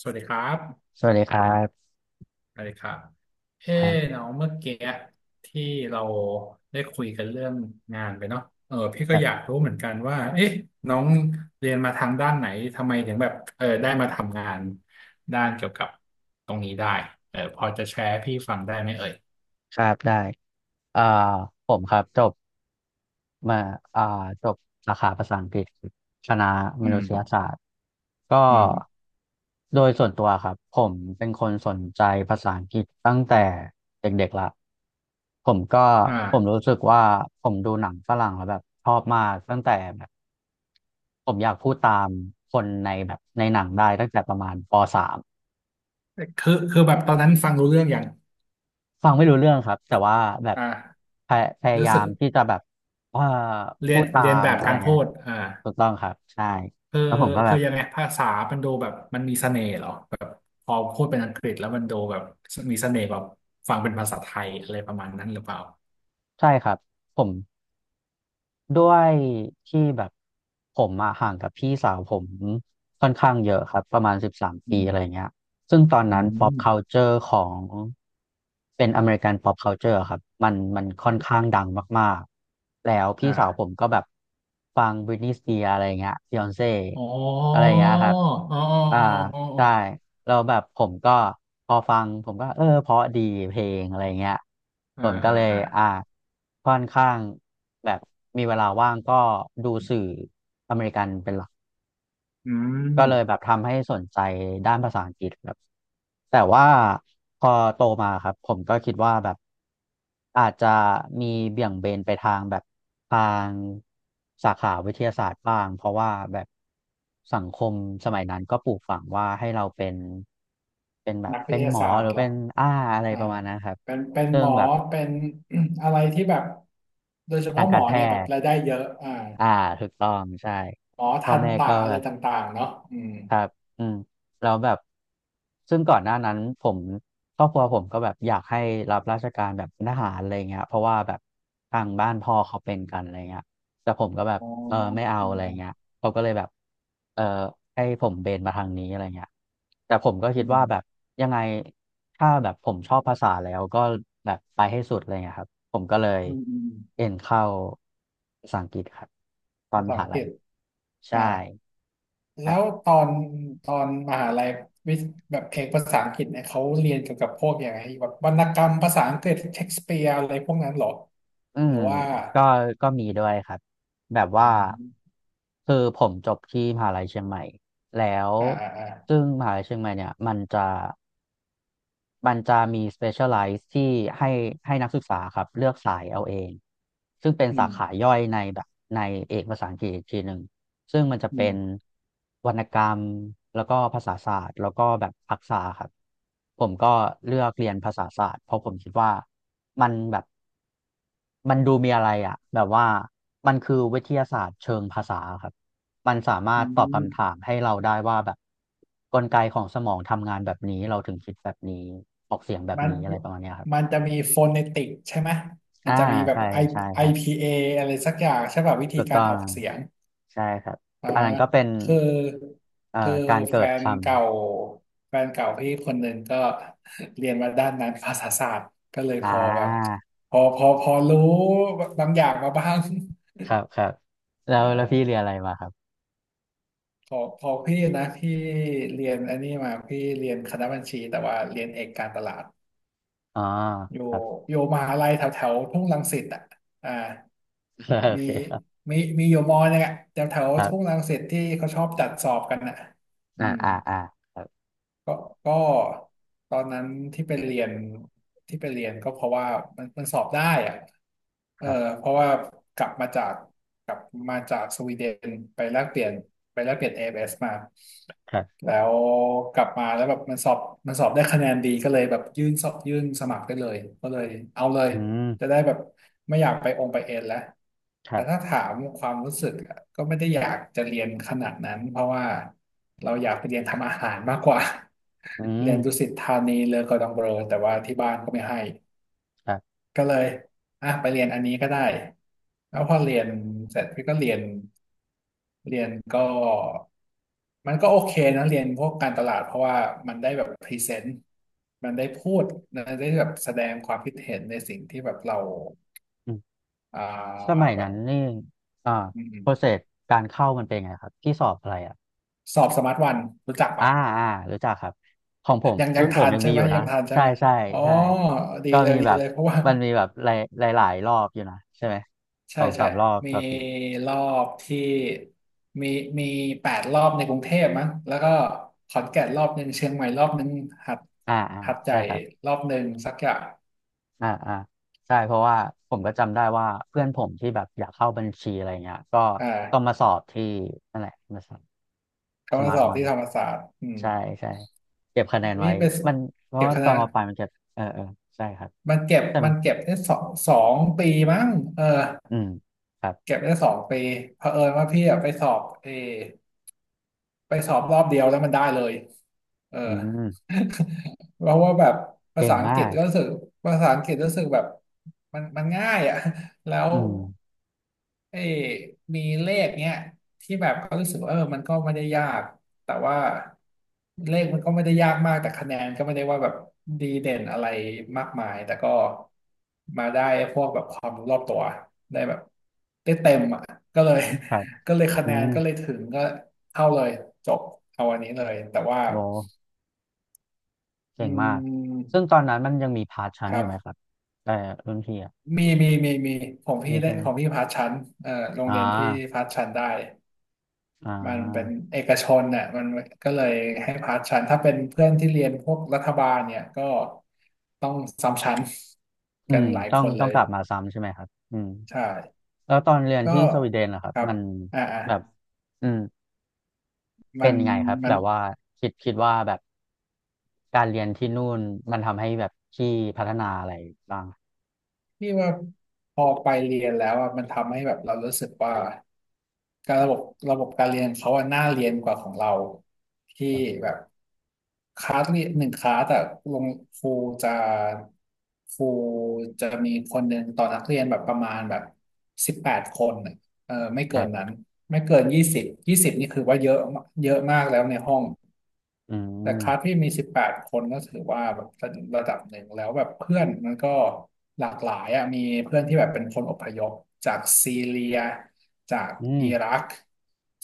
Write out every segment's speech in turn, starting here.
สวัสดีครับสวัสดีครับ สวัสดีครับเอ้ครับน้องเมื่อกี้ที่เราได้คุยกันเรื่องงานไปเนาะเออพี่คก็รัอยากบรู้เหมือนกันว่าเอ๊ะน้องเรียนมาทางด้านไหนทำไมถึงแบบเออได้มาทำงานด้านเกี่ยวกับตรงนี้ได้เออพอจะแชร์ให้พี่ฟังได้ไหมเอ่ยครับได้เอ่อผมครับจบมาอ่าจบสาขาภาษาอังกฤษคณะมอืนุมษยศาสตร์ ก็อืมโดยส่วนตัวครับผมเป็นคนสนใจภาษาอังกฤษตั้งแต่เด็กๆละผมก็ผมอ่ารู้สึกว่าผมดูหนังฝรั่งแล้วแบบชอบมากตั้งแต่แบบผมอยากพูดตามคนในแบบในหนังได้ตั้งแต่ประมาณป.3 คือแบบตอนนั้นฟังรู้เรื่องอย่างฟังไม่รู้เรื่องครับแต่ว่าแบบอ่าพยพยารู้ยาสึกมที่จะแบบว่าเรีพูยนดตาเรียนมแบบอะไรการเงี้พูยดอ่า ถูกต้องครับใช่คือแล้วผมก็แบคือบยังไงภาษามันดูแบบมันมีเสน่ห์เหรอแบบพอพูดเป็นอังกฤษแล้วมันดูแบบมีเสน่ห์แบบฟังเป็นภาษาไทยอะไรประมาณนั้นหรือเปล่าใช่ครับผมด้วยที่แบบผมอะห่างกับพี่สาวผมค่อนข้างเยอะครับประมาณสิบสามอืปีมอะไรเงี้ย ซึ่งตอนอืนั้น pop ม culture ของเป็นอเมริกัน pop culture อะครับมันค่อนข้างดังมากๆแล้วพี่สาวผมอ่าก็แบบฟัง Britney Spears อะไรเงี้ย Beyonce อ๋อะไรอเงี้ยครับอ๋ออ๋ออ่าอ๋ออ๋ใช่อแล้วแบบผมก็พอฟังผมก็เออเพราะดีเพลงอะไรเงี้ยผอ่ามก็อ่าเลยอ่าอ่าค่อนข้างแบบมีเวลาว่างก็ดูสื่ออเมริกันเป็นหลัก อืมก็เลยแบบทำให้สนใจด้านภาษาอังกฤษครับแต่ว่าพอโตมาครับผมก็คิดว่าแบบอาจจะมีเบี่ยงเบนไปทางแบบทางสาขาวิทยาศาสตร์บ้างเพราะว่าแบบสังคมสมัยนั้นก็ปลูกฝังว่าให้เราเป็นเป็นแบบนักวิเป็ทนยาหมอศาสตหรืร์อเหรอเป็นอ้าอะไรอ่าประมาณนั้นครับเป็นเป็นซึ่หมงอแบบเป็น อะไรที่แบบโดยเฉทาพาะงหมกาอรแพเนี่ยแบบทย์รายได้เยอะอ่าอ่าถูกต้องใช่หมอพ่อทันแม่ตะก็อะแบไรบ ต่างๆเนาะอืมครับอืมแล้วแบบ ซึ่งก่อนหน้านั้นผมครอบครัวผมก็แบบอยากให้รับราชการแบบเป็นทหารอะไรเงี้ยเพราะว่าแบบทางบ้านพ่อเขาเป็นกันอะไรเงี้ยแต่ผมก็แบบอ๋อเอออ๋อไม่เอาอะไรอ๋เงี้ยอเขาก็เลยแบบเออให้ผมเบนมาทางนี้อะไรเงี้ยแต่ผมก็คิอืดว่าม แบบยังไงถ้าแบบผมชอบภาษาแล้วก็แบบไปให้สุดอะไรเงี้ยครับผมก็เลยอืมอืมเอ็นเข้าภาษาอังกฤษครับตอนภามษาหาอังกลัฤยษใช่ อ่าแล้วตอนตอนมหาลัยวิแบบเอกภาษาอังกฤษเนี่ยเขาเรียนเกี่ยวกับพวกอย่างไรแบบวรรณกรรมภาษาอังกฤษเชคสเปียร์อะไรพวกนั้นเหรออืหรืมอว่าก็ก็มีด้วยครับแบบอืว่ามคือผมจบที่มหาลัยเชียงใหม่แล้วอ่าอ่าอ่าซึ่งมหาลัยเชียงใหม่เนี่ยมันจะมี specialize ที่ให้ให้นักศึกษาครับเลือกสายเอาเองซึ่งเป็นอืสามขาย่อยในแบบในเอกภาษาอังกฤษอีกทีหนึ่ง ซึ่งมันจะอืเป็นมวรรณกรรมแล้วก็ภาษาศาสตร์แล้วก็แบบทักษะครับผมก็เลือกเรียนภาษาศาสตร์เพราะผมคิดว่ามันแบบมันดูมีอะไรอ่ะแบบว่ามันคือวิทยาศาสตร์เชิงภาษาครับมันสามาอืรถตอบคำถามมให้เราได้ว่าแบบกลไกของสมองทำงานแบบนี้เราถึงคิดแบบนี้ออกเสียงแบบมันนี้อะไรประมาณเนี้ยครัมับนจะมีโฟ o น e ติกใช่ไหมมัอ่านจะมีแบบ ใช่ I ใช่ครับ IPA ออะไรสักอย่างใช่ป่ะวิธีถูกการต้อองอกเสียง ใช่ครับอันนั้นก็เป็นคือคือการแฟเกิดนคำ เก่าแฟนเก่าพี่คนหนึ่งก็ เรียนมาด้านนั้นภาษาศาสตร์ก็เลยพอ่าอแบบพอรู้บางอย่างมาบ้าง ครับครับแล้เอวแล้วอพี่เรียนอะไรมาครับพอพี่นะพี่เรียนอันนี้มาพี่เรียนคณะบัญชีแต่ว่าเรียนเอกการตลาดอ๋ออยู่ครับ อยู่มหาลัยแถวแถวทุ่งรังสิตอ่ะอ่า โอมีเคครับอยู่มอนึงอ่ะแถวแถวครับทุ่งรังสิตที่เขาชอบจัดสอบกันอ่ะอือ่าม อ่าอ่าครับก็ก็ตอนนั้นที่ไปเรียนที่ไปเรียนก็เพราะว่ามันสอบได้อะเอคอรับเพราะว่ากลับมาจากกลับมาจากสวีเดนไปแลกเปลี่ยนไปแลกเปลี่ยน a อ s มาครับแล้วกลับมาแล้วแบบมันสอบได้คะแนนดีก็เลยแบบยื่นสอบยื่นสมัครได้เลยก็เลยเอาเลย อืมจะได้แบบไม่อยากไปองค์ไปเอ็นแล้วคแต่รัถ้าบถามความรู้สึกอะก็ไม่ได้อยากจะเรียนขนาดนั้นเพราะว่าเราอยากไปเรียนทำอาหารมากกว่า อื เรีมยนดุสิตธานีเลอกอร์ดองเบลอแต่ว่าที่บ้านก็ไม่ให้ครับก็เลยอ่ะไปเรียนอันนี้ก็ได้แล้วพอเรียนเสร็จพี่ก็เรียนก็มันก็โอเคนะเรียนพวกการตลาดเพราะว่ามันได้แบบพรีเซนต์มันได้พูดมันได้แบบแสดงความคิดเห็นในสิ่งที่แบบเรา อืมอ่าสมัยแบนั้บนนี่อ่าอืโปรมเซสการเข้ามันเป็นไงครับที่สอบอะไรอ่ะๆสอบสมาร์ทวันรู้จักอ่าปะอ่ารู้จักครับของผมยังยัรุ่งนผทัมนยังใช่มีอไหมยู่ยันะงทันใช่ใช่ไหมใช่อ๋อใช่ดีก็เลมียดีแบบเลยเพราะว่า มันมีแบบหลายหลายหลายรอบอยู่นะใช่ไหม สใช่องสาใช่มรอบมีต่อปีรอบที่มีมี8 รอบในกรุงเทพมั้งแล้วก็ขอนแก่นรอบหนึ่งเชียงใหม่รอบหนึ่งหัดอ่าอ่าหัดใหใช่ญ่ครับ รอบหนึ่งสักอย่างอ่าอ่าใช่เพราะว่าผมก็จำได้ว่าเพื่อนผมที่แบบอยากเข้าบัญชีอะไรเงี้ยก็อต้องมา่าสอบที่นั่นแหละมาสอบเขาสมามาร์สทอบวันที่ธรรมศาสตร์อืมใช่ใช่เก็บคะแนนไว้นี่ไปมันเพราะเก็บว่าคะตแนอนนมาปลายมันจะเออเออใช่ครับมันเก็บใช่ไหมมันเก็บได้สองปีมั้งเออ อืมครับเก็บได้สองปีเผอิญว่าพี่อะไปสอบรอบเดียวแล้วมันได้เลยเออ อืม เพราะว่าแบบภาเก่งษาอังกฤมาษกก็รู้สึกภาษาอังกฤษรู้สึกแบบมันง่ายอ่ะ แล้วอืมเอ้ยมีเลขเนี้ยที่แบบก็รู้สึกว่าเออมันก็ไม่ได้ยากแต่ว่าเลขมันก็ไม่ได้ยากมากแต่คะแนนก็ไม่ได้ว่าแบบดีเด่นอะไรมากมายแต่ก็มาได้พวกแบบความรู้รอบตัวได้แบบได้เต็มอ่ะก็เลย ครับก็เลยคะอืแนนมก็เลยถึงก็เท่าเลยจบเอาอันนี้เลยแต่ว่าโอ้อืเก่งมากมซึ่งตอนนั้นมันยังมีพาร์ทชั้คนอรัยู่ไหมครับบแต่อรุ่นพี่อ่ะมีมีของพี่นี่ได้ใช่ไหมของพี่พาสชั้นโรงอ่เรียนพี่าพาสชั้นได้อ่มันเป็นาเอกชนน่ะมันก็เลยให้พาสชั้นถ้าเป็นเพื่อนที่เรียนพวกรัฐบาลเนี่ยก็ต้องซ้ำชั้นอืกันมหลายต้อคงนเลต้องยกลับมาซ้ำใช่ไหมครับอืม ใช่แล้วตอนเรียนก็ที่สวีเดนนะครัคบรับมันอ่าอ่าแบบอืมมัเป็นนยังไงครับมัแบน บว่าคิดว่าแบบการเรียนที่นู่นมันทำให้แบบพี่พัฒนาอะไรบ้างพี่ว่าพอไปเรียนแล้วอะมันทำให้แบบเรารู้สึกว่าการระบบการเรียนเขาอะน่าเรียนกว่าของเราที่ครับแบบคลาสเรียนหนึ่งคลาสอะลงครูจะครูมีคนหนึ่งต่อนักเรียนแบบประมาณแบบ18 คนอะเออไม่คเกิรันบนั้นไม่เกิน20 20นี่คือว่าเยอะเยอะมากแล้วในห้อง อืแต่คลาสมพี่มี18คนก็ถือว่าแบบระดับหนึ่งแล้วแบบเพื่อนมันก็หลากหลายอ่ะมีเพื่อนที่แบบเป็นคนอพยพจากซีเรียจากอืมอิรัก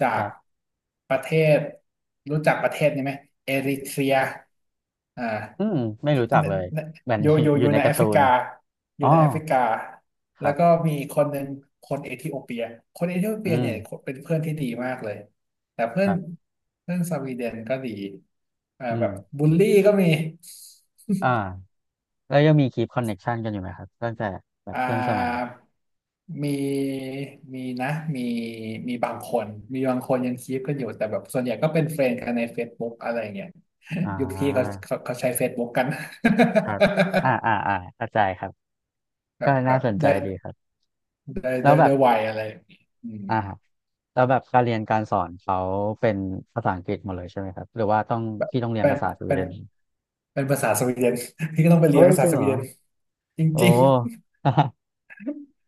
จาคกรับประเทศรู้จักประเทศนี้ไหมเอริเทรียอ่าอืมไม่รู้จักเลยเหมือนออยู่ยู่ อยู่ ออยู่ยู่ในในกาแอร์ฟตูรินกาออ๋ยู่อในแอฟริกาคแล้รัวก็บมีคนหนึ่งคนเอธิโอเปียคนเอธิโอเปียอืมเนี่ยเป็นเพื่อนที่ดีมากเลย แต่เพื่คอนรับเพื่อนสวีเดนก็ดีอืแบมบบูลลี่ก็มีอ่าแล้วยังมีคีปคอนเน็กชันกันอยู่ไหมครับตั้งแต่แบบอ่เพื่อนสมัยามีมีนะมีมีบางคนยังคีปกันอยู่แต่แบบส่วนใหญ่ก็เป็นเฟรนด์กันใน Facebook อะไรเงี้ย อ่ ยุคพี่เขาาเขาเขาใช้ Facebook กัน ครับอ่าอ่าอ่าเข้าใจครับ แบก็บแบน่าบสนใจได้ดีครับได้แล้ได้วแบได้บไวอะไรอย่างงี้อืมอ่า แล้วแบบการเรียนการสอนเขาเป็นภาษาอังกฤษหมดเลยใช่ไหมครับหรือว่าต้องพี่ต้องเรียนเป็นภาษาสวีเป็เดนนเป็นภาษาสวีเดน พี่ก็ต้องไปเรียเฮ้นยภาจษาริงสเหรวีอเดนจโอ้ ริง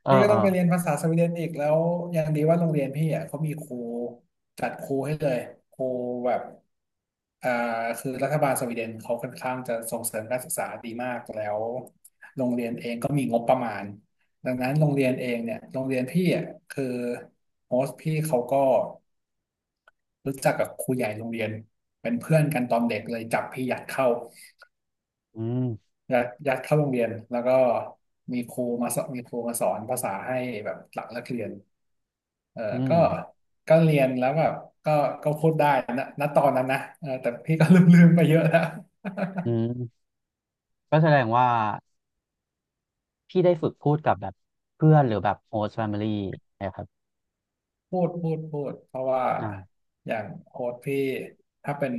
เออพี่ก็เออต้องไปเรียนภาษาสวีเดนอีกแล้วยังดีว่าโรงเรียนพี่อ่ะเขามีครูจัดครูให้เลยครูแบบอ่าคือรัฐบาลสวีเดนเขาค่อนข้างจะส่งเสริมการศึกษาดีมากแล้วโรงเรียนเองก็มีงบประมาณดังนั้นโรงเรียนเองเนี่ยโรงเรียนพี่อ่ะคือโฮสต์พี่เขาก็รู้จักกับครูใหญ่โรงเรียนเป็นเพื่อนกันตอนเด็กเลยจับพี่ยัดเข้าอืมยัดเข้าโรงเรียนแล้วก็มีครูมาสอนภาษาให้แบบหลังเลิกเรียน เอออืก็มก็เรียนแล้วแบบก็ก็พูดได้นะณตอนนั้นนะเออแต่พี่ก็ลืมไปเยอะแล้ว อื มก็แสดงว่าพี่ได้ฝึกพูดกับแบบเพื่อนหรือแบบโฮสต์แฟมิลี่นะครับพูดเพราะว่าอ่าอย่างโค้ชพี่ถ้าเป็น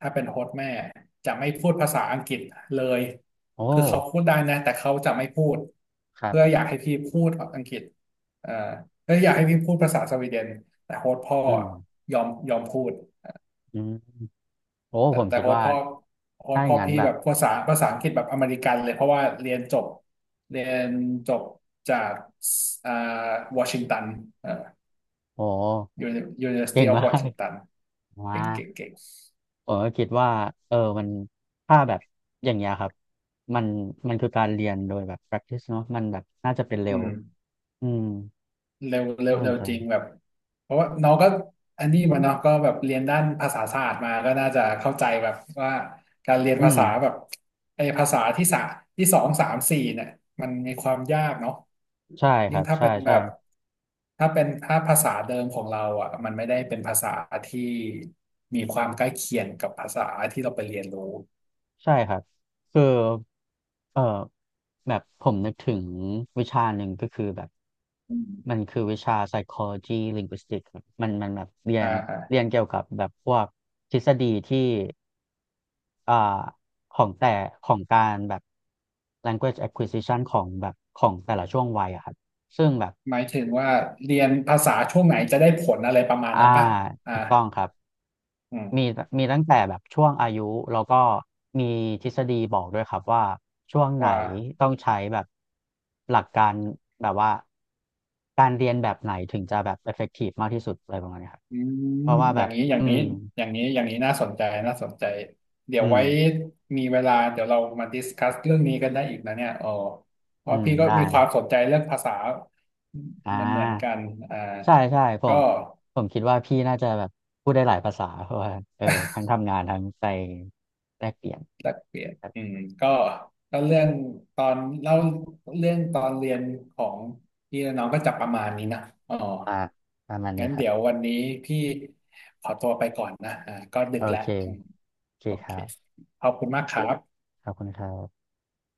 โค้ชแม่จะไม่พูดภาษาอังกฤษเลย โอ้คือเขาพูดได้นะแต่เขาจะไม่พูด ครัเพื่อบอยากให้พี่พูดอังกฤษเอ่อเพื่ออยากให้พี่พูดภาษาสวีเดนแต่โค้ชพ่ออืมยอมพูด อืมโอ้แต่ผมแต่คิดโค้ชว่าพ่อโค้ชถ้าอพ่ย่าองนั้นพี่แบแบบบภาษาภาษาอังกฤษแบบอเมริกันเลยเพราะว่าเรียนจบจากอ่าวอชิงตันเอ่อ โอ้ เก่ University ง of มาก Washington ว้า เก่งเก่งเก่งผมก็คิดว่าเออมันถ้าแบบอย่างเงี้ยครับมันคือการเรียนโดยแบบ practice เนอะมันแบบน่าจะเป็นเร็อืวม อืมเร็วเร็วน่าสเร็นวใจจริงแบบเพราะว่าน้องก็อันนี้มาเนาะก็แบบเรียนด้านภาษาศาสตร์มาก็น่าจะเข้าใจแบบว่าการเรียนอืภามษาแบบไอ้ภาษาที่สองสามสี่เนี่ยมันมีความยากเนาะใช่คยิ่รังบถ้าใช่เป็นแบใช่บถ้าเป็นถ้าภาษาเดิมของเราอ่ะมันไม่ได้เป็นภาษาที่มีความใกล้เคียงกับภาษาที่เราไปเรียนรู้ใช่ครับคือเออแบบผมนึกถึงวิชาหนึ่งก็คือแบบอืมันมคือวิชา psychology linguistics ครับมันแบบเรียอ่านอ่าเรียนเกี่ยวกับแบบพวกทฤษฎีที่ อ่าของแต่ของการแบบ language acquisition ของแบบของแต่ละช่วงวัยอะครับซึ่งแบบหมายถึงว่าเรียนภาษาช่วงไหนจะได้ผลอะไรประมาณอ่านั้นปะอ่าถูกต้องครับอืมีมมีตั้งแต่แบบช่วงอายุแล้วก็มีทฤษฎีบอกด้วยครับว่าช่วงไหนว่า ต้องใช้แบบหลักการแบบว่าการเรียนแบบไหนถึงจะแบบ effective มากที่สุดอะไรประมาณนี้ครับอืมเพราะว่าอแบย่างบนี้อย่างอืนี้มอย่างนี้น่าสนใจน่าสนใจเดี๋ยวอืมไว้มีเวลาเดี๋ยวเรามาดิสคัสเรื่องนี้กันได้อีกนะเนี่ยอ๋อเพอืราะมพี่ก็ได้มีความสนใจเรื่องภาษาอ่า เหมือนเหมือนกันอ่าใช่ใช่ผก็มผมคิดว่าพี่น่าจะแบบพูดได้หลายภาษาเพราะว่าเออทั้งทำงานทั้งไปแลกเปลี่ยนแลกเปลี่ยนแบบอืมก็ก็เรื่องตอนเล่าเรื่องตอนเรียนของพี่และน้องก็จะประมาณนี้นะอ๋อมาประมาณนี้งั้นครับเดี๋ยววันนี้พี่ขอตัวไปก่อนนะก็ดึโอกแล้วเคอืมโอเคโอคเครับขอบคุณมากครับขอบคุณครับ